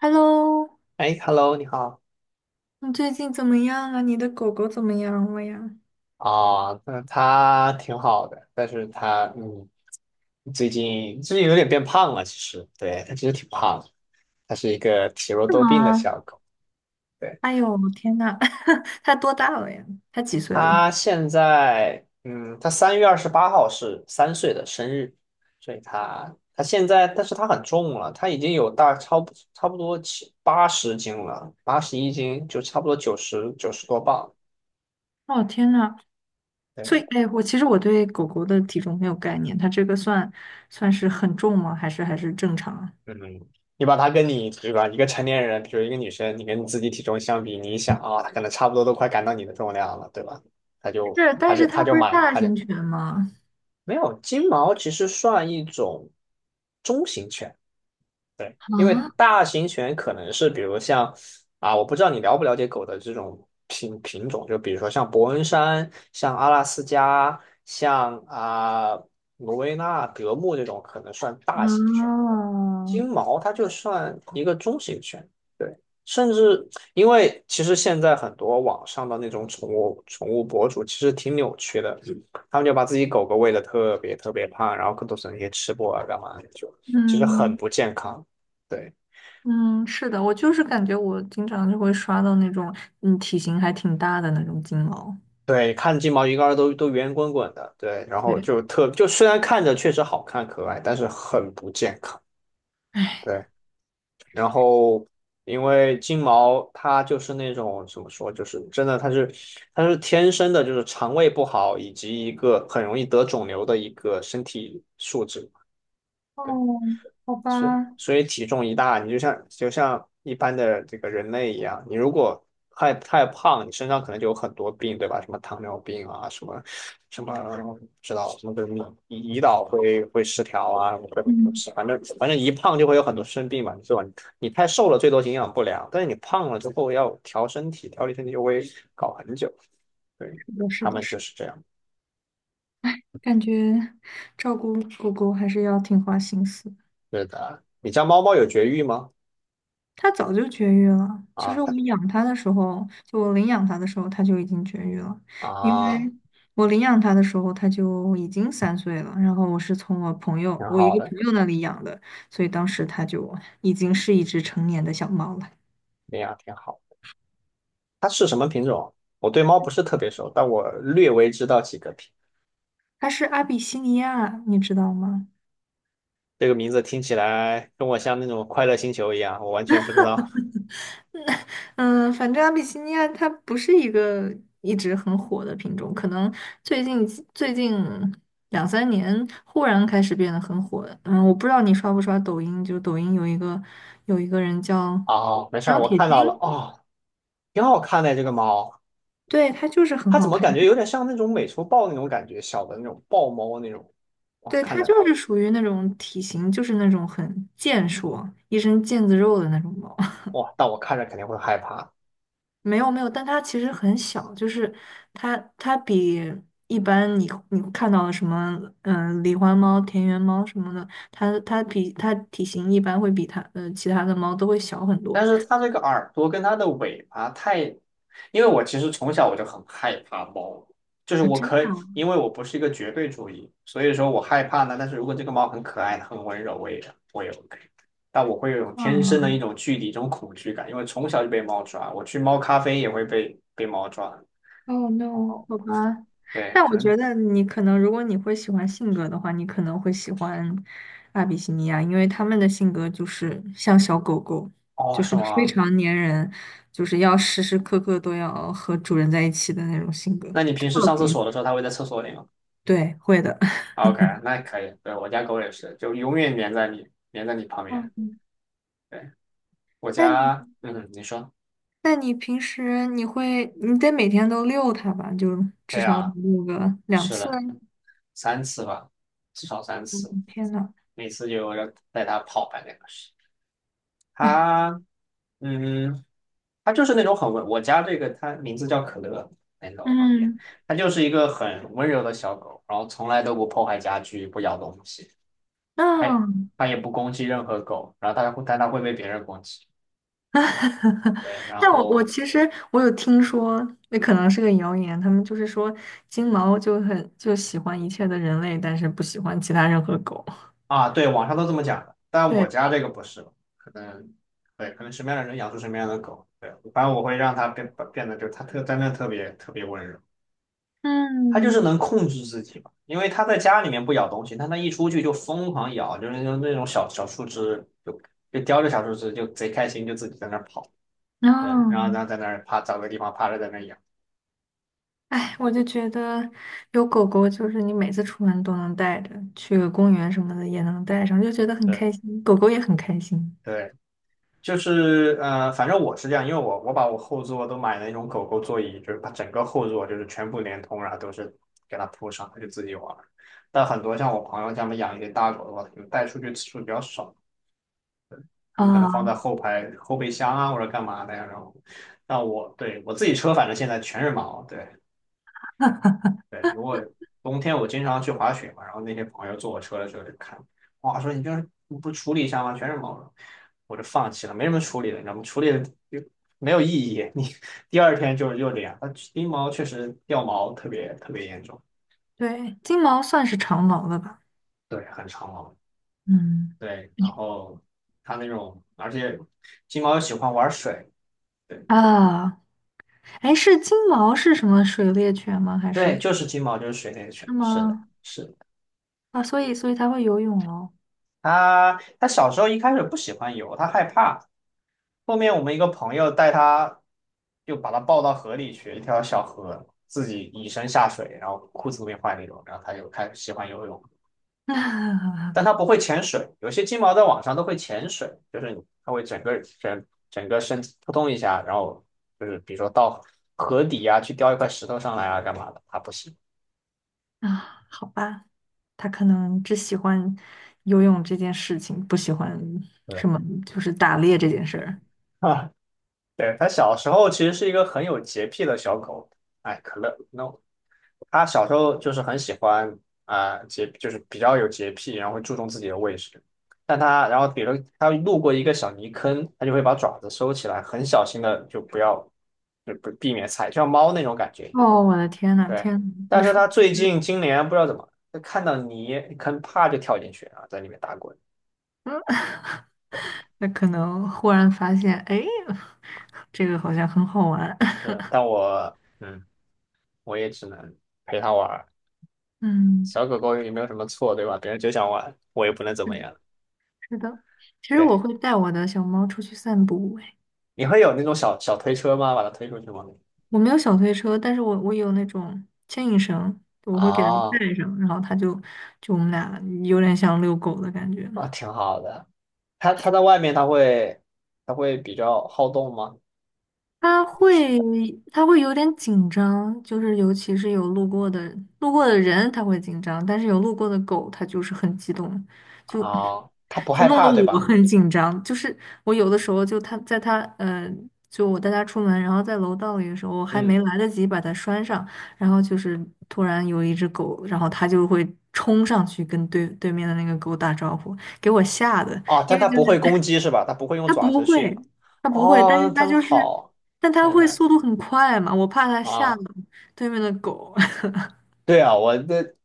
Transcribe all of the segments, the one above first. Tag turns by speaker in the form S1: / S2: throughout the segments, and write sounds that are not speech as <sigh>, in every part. S1: Hello，
S2: 哎，Hello，你好
S1: 你最近怎么样啊？你的狗狗怎么样了呀？
S2: 啊，那他挺好的，但是他最近有点变胖了，其实，对，他其实挺胖的，他是一个体弱
S1: 是
S2: 多病的
S1: 吗？
S2: 小狗，对，
S1: 哎呦，天呐，<laughs> 它多大了呀？它几岁了？
S2: 他现在他3月28号是3岁的生日，所以他现在，但是他很重了，他已经有大差不差不多七八十斤了，81斤就差不多九十多磅，
S1: 哦，天呐，
S2: 对，
S1: 所以，哎，我其实对狗狗的体重没有概念，它这个算是很重吗？还是正常啊？
S2: 嗯，你把它跟你对吧，一个成年人，比如一个女生，你跟你自己体重相比，你一想啊，她可能差不多都快赶到你的重量了，对吧？她就
S1: 是，
S2: 她
S1: 但
S2: 就
S1: 是
S2: 她
S1: 它
S2: 就
S1: 不是
S2: 满，
S1: 大
S2: 她就
S1: 型犬吗？
S2: 没有金毛，其实算一种中型犬，对，因为
S1: 啊
S2: 大型犬可能是比如像啊，我不知道你了不了解狗的这种品种，就比如说像伯恩山、像阿拉斯加、像罗威纳、德牧这种，可能算大型犬。
S1: 啊，
S2: 金毛它就算一个中型犬，对，甚至因为其实现在很多网上的那种宠物博主其实挺扭曲的，他们就把自己狗狗喂得特别特别胖，然后更多是那些吃播啊干嘛的，就其实很
S1: 嗯
S2: 不健康。对
S1: 嗯，是的，我就是感觉我经常就会刷到那种体型还挺大的那种金毛，
S2: 对，看金毛一个个都圆滚滚的，对，然后
S1: 对。
S2: 就特就虽然看着确实好看可爱，但是很不健康。
S1: 哎。
S2: 对，然后因为金毛它就是那种怎么说，就是真的它是天生的，就是肠胃不好以及一个很容易得肿瘤的一个身体素质。
S1: 哦，
S2: 对。
S1: 好
S2: 所以
S1: 吧，
S2: 所以体重一大，你就像就像一般的这个人类一样，你如果太胖，你身上可能就有很多病，对吧？什么糖尿病啊，什么什么不知道什么的胰岛会失调啊，各种东
S1: 嗯，
S2: 西，反正一胖就会有很多生病嘛，最吧？你太瘦了，最多营养不良，但是你胖了之后要调身体，调理身体就会搞很久。对，
S1: 是的，是
S2: 他
S1: 的，
S2: 们
S1: 是，
S2: 就是这样。
S1: 感觉照顾狗狗还是要挺花心思的
S2: 对的，你家猫猫有绝育吗？
S1: 它早就绝育了，其
S2: 啊
S1: 实
S2: 它
S1: 我领养它的时候，它就已经绝育了，因
S2: 啊，
S1: 为我领养它的时候，它就已经三岁了，然后
S2: 挺
S1: 我一
S2: 好
S1: 个
S2: 的，
S1: 朋友那里养的，所以当时它就已经是一只成年的小猫了。
S2: 那样挺好。它是什么品种？我对猫不是特别熟，但我略微知道几个品。
S1: 它是阿比西尼亚，你知道吗？
S2: 这个名字听起来跟我像那种快乐星球一样，我完全不知道。
S1: 嗯，反正阿比西尼亚它不是一个一直很火的品种，可能最近两三年忽然开始变得很火。嗯，我不知道你刷不刷抖音，就抖音有一个人叫
S2: 哦，没事儿，
S1: 张
S2: 我
S1: 铁
S2: 看
S1: 军，
S2: 到了，哦，挺好看的这个猫，
S1: 对，他就是很
S2: 它怎
S1: 好
S2: 么
S1: 看，
S2: 感觉有点像那种美洲豹那种感觉，小的那种豹猫那种。哇，
S1: 对，
S2: 看
S1: 他
S2: 着
S1: 就是属于那种体型就是那种很健硕，一身腱子肉的那种猫。
S2: 哇，但我看着肯定会害怕。
S1: 没有没有，但它其实很小，就是它比一般你看到的什么狸花猫、田园猫什么的，它体型一般会比它其他的猫都会小很多
S2: 但是它这个耳朵跟它的尾巴太，因为我其实从小我就很害怕猫，就是
S1: 啊，
S2: 我
S1: 真
S2: 可
S1: 的
S2: 以，因为我不是一个绝对主义，所以说我害怕呢。但是如果这个猫很可爱、很温柔，我也我也 OK。但我会有一种天生的
S1: 啊，
S2: 一种距离、一种恐惧感，因为从小就被猫抓，我去猫咖啡也会被猫抓。
S1: 哦 no,
S2: 哦，
S1: 好吧。
S2: 对，
S1: 但
S2: 可
S1: 我
S2: 能
S1: 觉得你可能，如果你会喜欢性格的话，你可能会喜欢阿比西尼亚，因为他们的性格就是像小狗狗，
S2: 哦，
S1: 就
S2: 是
S1: 是非
S2: 吗？
S1: 常粘人，就是要时时刻刻都要和主人在一起的那种性格。
S2: 那你平时
S1: 特
S2: 上
S1: 别
S2: 厕所的时候，它会在厕所里吗
S1: 对，会的。<laughs>
S2: ？OK，那可以。对，我家狗也是，就永远粘在你，粘在你旁边。
S1: 嗯，
S2: 对。我
S1: 那你，
S2: 家，嗯，你说，
S1: 那你平时你会，你得每天都遛它吧？就至
S2: 对
S1: 少
S2: 啊，
S1: 遛个两
S2: 是
S1: 次。
S2: 的，三次吧，至少三
S1: 嗯
S2: 次，
S1: 天呐，
S2: 每次就要带它跑半2个小时。
S1: 哎呀，
S2: 他，嗯，它就是那种很温，我家这个它名字叫可乐，来到我旁边，
S1: 嗯，
S2: 它就是一个很温柔的小狗，然后从来都不破坏家具，不咬东西，它
S1: 那、
S2: 它也不攻击任何狗，然后它会，但它会被别人攻击，
S1: <laughs>
S2: 对，然
S1: 但我我
S2: 后
S1: 其实我有听说，那可能是个谣言，他们就是说金毛就很喜欢一切的人类，但是不喜欢其他任何狗。<laughs>
S2: 啊，对，网上都这么讲的，但
S1: 对，
S2: 我家这个不是，可能对，可能什么样的人养出什么样的狗，对，反正我会让它变得就它特真的特别特别温柔，它就是
S1: 嗯，
S2: 能控制自己嘛，因为它在家里面不咬东西，但它一出去就疯狂咬，就是那种小小树枝，就叼着小树枝就贼开心，就自己在那儿跑，对，然后
S1: 哦，
S2: 然后在那儿趴找个地方趴着在那儿咬，
S1: 哎，我就觉得有狗狗，就是你每次出门都能带着，去个公园什么的也能带上，就觉得很
S2: 对
S1: 开心，狗狗也很开心
S2: 对，就是呃，反正我是这样，因为我把我后座都买那种狗狗座椅，就是把整个后座就是全部连通，然后都是给它铺上，它就自己玩儿但很多像我朋友他们养一些大狗的话，就带出去次数比较少，他们可能放在
S1: 啊。
S2: 后排后备箱啊或者干嘛的呀。然后，那我对我自己车反正现在全是毛，对。对，如果冬天我经常去滑雪嘛，然后那些朋友坐我车的时候就看，哇，说你就是你不处理一下吗？全是毛绒我就放弃了，没什么处理的，你知道吗？处理的就没有意义，你 <laughs> 第二天就是又这样。它金毛确实掉毛特别特别严重，
S1: 对，金毛算是长毛的吧？
S2: 对，很长毛，
S1: 嗯
S2: 对，然后它那种，而且金毛又喜欢玩水，对
S1: 啊，哎，是金毛是什么水猎犬吗？还
S2: 对，
S1: 是
S2: 就是金毛就是水那个犬，
S1: 是
S2: 是的，
S1: 吗？
S2: 是的，
S1: 啊，所以所以他会游泳喽。
S2: 它小时候一开始不喜欢游，它害怕。后面我们一个朋友带他，就把他抱到河里去，一条小河，自己以身下水，然后裤子都没换那种，然后他就开始喜欢游泳，但他
S1: <laughs>
S2: 不会潜水，有些金毛在网上都会潜水，就是他会整个身体扑通一下，然后就是比如说到河底啊去叼一块石头上来啊干嘛的，他不行，
S1: 啊，好吧，他可能只喜欢游泳这件事情，不喜欢
S2: 对
S1: 什么就是打猎这件事儿。
S2: 啊，<laughs> 对，他小时候其实是一个很有洁癖的小狗，哎，可乐，no。他小时候就是很喜欢洁，就是比较有洁癖，然后会注重自己的卫生。但他，然后比如他路过一个小泥坑，他就会把爪子收起来，很小心的就不要，就不避免踩，就像猫那种感觉一样
S1: 哦，我的天呐，
S2: 对，
S1: 天呐
S2: 但
S1: 你
S2: 是
S1: 说，
S2: 他最近今年不知道怎么，就看到泥坑，啪就跳进去啊，在里面打滚。
S1: 嗯，<laughs>
S2: 对，
S1: 那可能忽然发现，哎，这个好像很好玩。
S2: 嗯，
S1: <laughs>
S2: 但我，我也只能陪他玩儿
S1: 嗯，
S2: 小狗狗也没有什么错，对吧？别人就想玩，我也不能怎么
S1: 是
S2: 样。
S1: 是的，其实我
S2: 对。
S1: 会带我的小猫出去散步，
S2: 你会有那种小小推车吗？把它推出去吗？
S1: 我没有小推车，但是我有那种牵引绳，我会给它
S2: 啊
S1: 带上，然后它就就我们俩有点像遛狗的感觉。
S2: 啊，挺好的。它它在外面，它会它会比较好动吗？
S1: 他会他会有点紧张，就是尤其是有路过的人他会紧张，但是有路过的狗它就是很激动，就
S2: 啊，它不
S1: 就
S2: 害
S1: 弄得
S2: 怕对
S1: 我
S2: 吧？
S1: 很紧张。就是我有的时候就它在它呃，就我带它出门，然后在楼道里的时候，我还
S2: 嗯，
S1: 没来得及把它拴上，然后就是突然有一只狗，然后它就会冲上去跟对面的那个狗打招呼，给我吓的，
S2: 哦，但
S1: 因为
S2: 它
S1: 就
S2: 不会攻
S1: 是。
S2: 击是吧？它不会用
S1: 它
S2: 爪
S1: 不
S2: 子去。
S1: 会，它不会，但
S2: 哦，那
S1: 是它
S2: 真
S1: 就是，
S2: 好。
S1: 但它
S2: 天
S1: 会
S2: 呐，
S1: 速度很快嘛，我怕它吓到
S2: 啊，
S1: 对面的狗。<laughs>
S2: 对啊，我这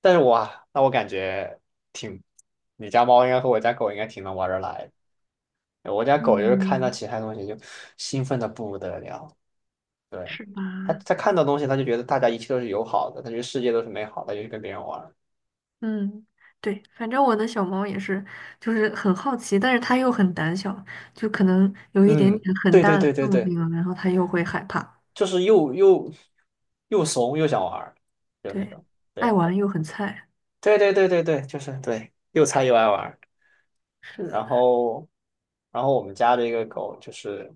S2: 但是我啊那我感觉挺，你家猫应该和我家狗应该挺能玩得来的我家狗就是看到
S1: 嗯，
S2: 其他东西就兴奋的不得了。对，
S1: 是
S2: 他
S1: 吧？
S2: 他看到东西，他就觉得大家一切都是友好的，他觉得世界都是美好的，就去跟别人玩儿
S1: 嗯，对，反正我的小猫也是，就是很好奇，但是它又很胆小，就可能有一点
S2: 嗯，
S1: 点很
S2: 对对
S1: 大的
S2: 对对
S1: 动
S2: 对，
S1: 静了，然后它又会害怕。
S2: 就是又又怂又想玩儿就那
S1: 对，
S2: 种。
S1: 爱
S2: 对
S1: 玩又很菜。
S2: 对对对对对，就是对，又菜又爱玩儿
S1: 是的。
S2: 然后然后我们家的一个狗就是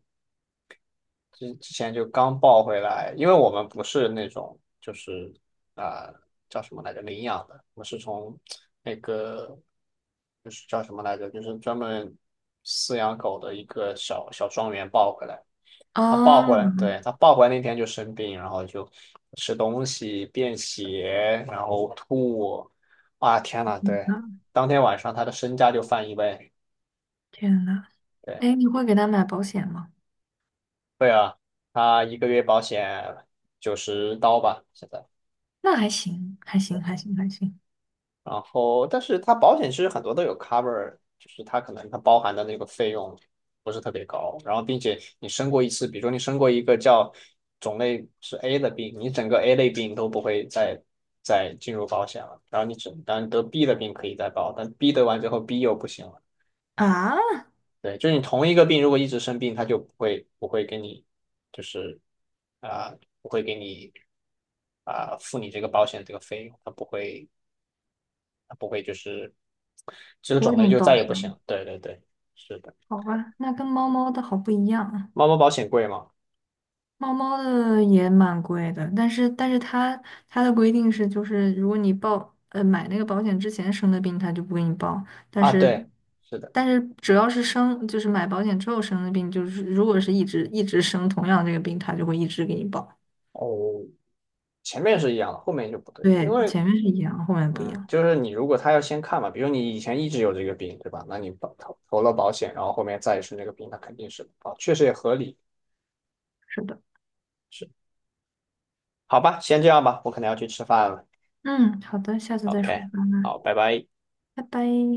S2: 之前就刚抱回来，因为我们不是那种就是啊、呃叫什么来着领养的，我们是从那个就是叫什么来着，就是专门饲养狗的一个小小庄园抱回来。它抱回
S1: 哦，
S2: 来，对，它抱回来那天就生病，然后就吃东西便血，然后吐，啊天呐，对，
S1: 啊
S2: 当天晚上它的身价就翻一倍，
S1: 天呐，
S2: 对，
S1: 哎，你会给它买保险吗？
S2: 对啊，它一个月保险90刀吧，现在。
S1: 那还行，还行，还行，还行。
S2: 然后，但是它保险其实很多都有 cover，就是它可能它包含的那个费用不是特别高，然后并且你生过一次，比如说你生过一个叫种类是 A 的病，你整个 A 类病都不会再进入保险了，然后你只当然得 B 的病可以再报，但 B 得完之后 B 又不行了，
S1: 啊，
S2: 对，就是你同一个病如果一直生病，它就不会给你就是啊、不会给你付你这个保险这个费用，它不会。不会就是这个
S1: 我会
S2: 种
S1: 给
S2: 类
S1: 你
S2: 就
S1: 报
S2: 再也
S1: 销。
S2: 不行。对对对，是的。
S1: 好吧，那跟猫猫的好不一样啊。
S2: 猫猫保险贵吗？
S1: 猫猫的也蛮贵的，但是它它的规定是，就是如果你报买那个保险之前生的病，它就不给你报。但
S2: 啊，
S1: 是
S2: 对，是的。
S1: 但是只要是生，就是买保险之后生的病，就是如果是一直生同样这个病，它就会一直给你报。
S2: 哦，前面是一样的，后面就不对，因
S1: 对，
S2: 为
S1: 前面是一样，后面不一
S2: 嗯，
S1: 样。
S2: 就是你如果他要先看嘛，比如你以前一直有这个病，对吧？那你投了保险，然后后面再是那个病，那肯定是啊，哦确实也合理。
S1: 是的，
S2: 是，好吧，先这样吧，我可能要去吃饭了。
S1: 嗯，好的，下次再说
S2: OK，
S1: 吧，
S2: 好，拜拜。
S1: 拜拜。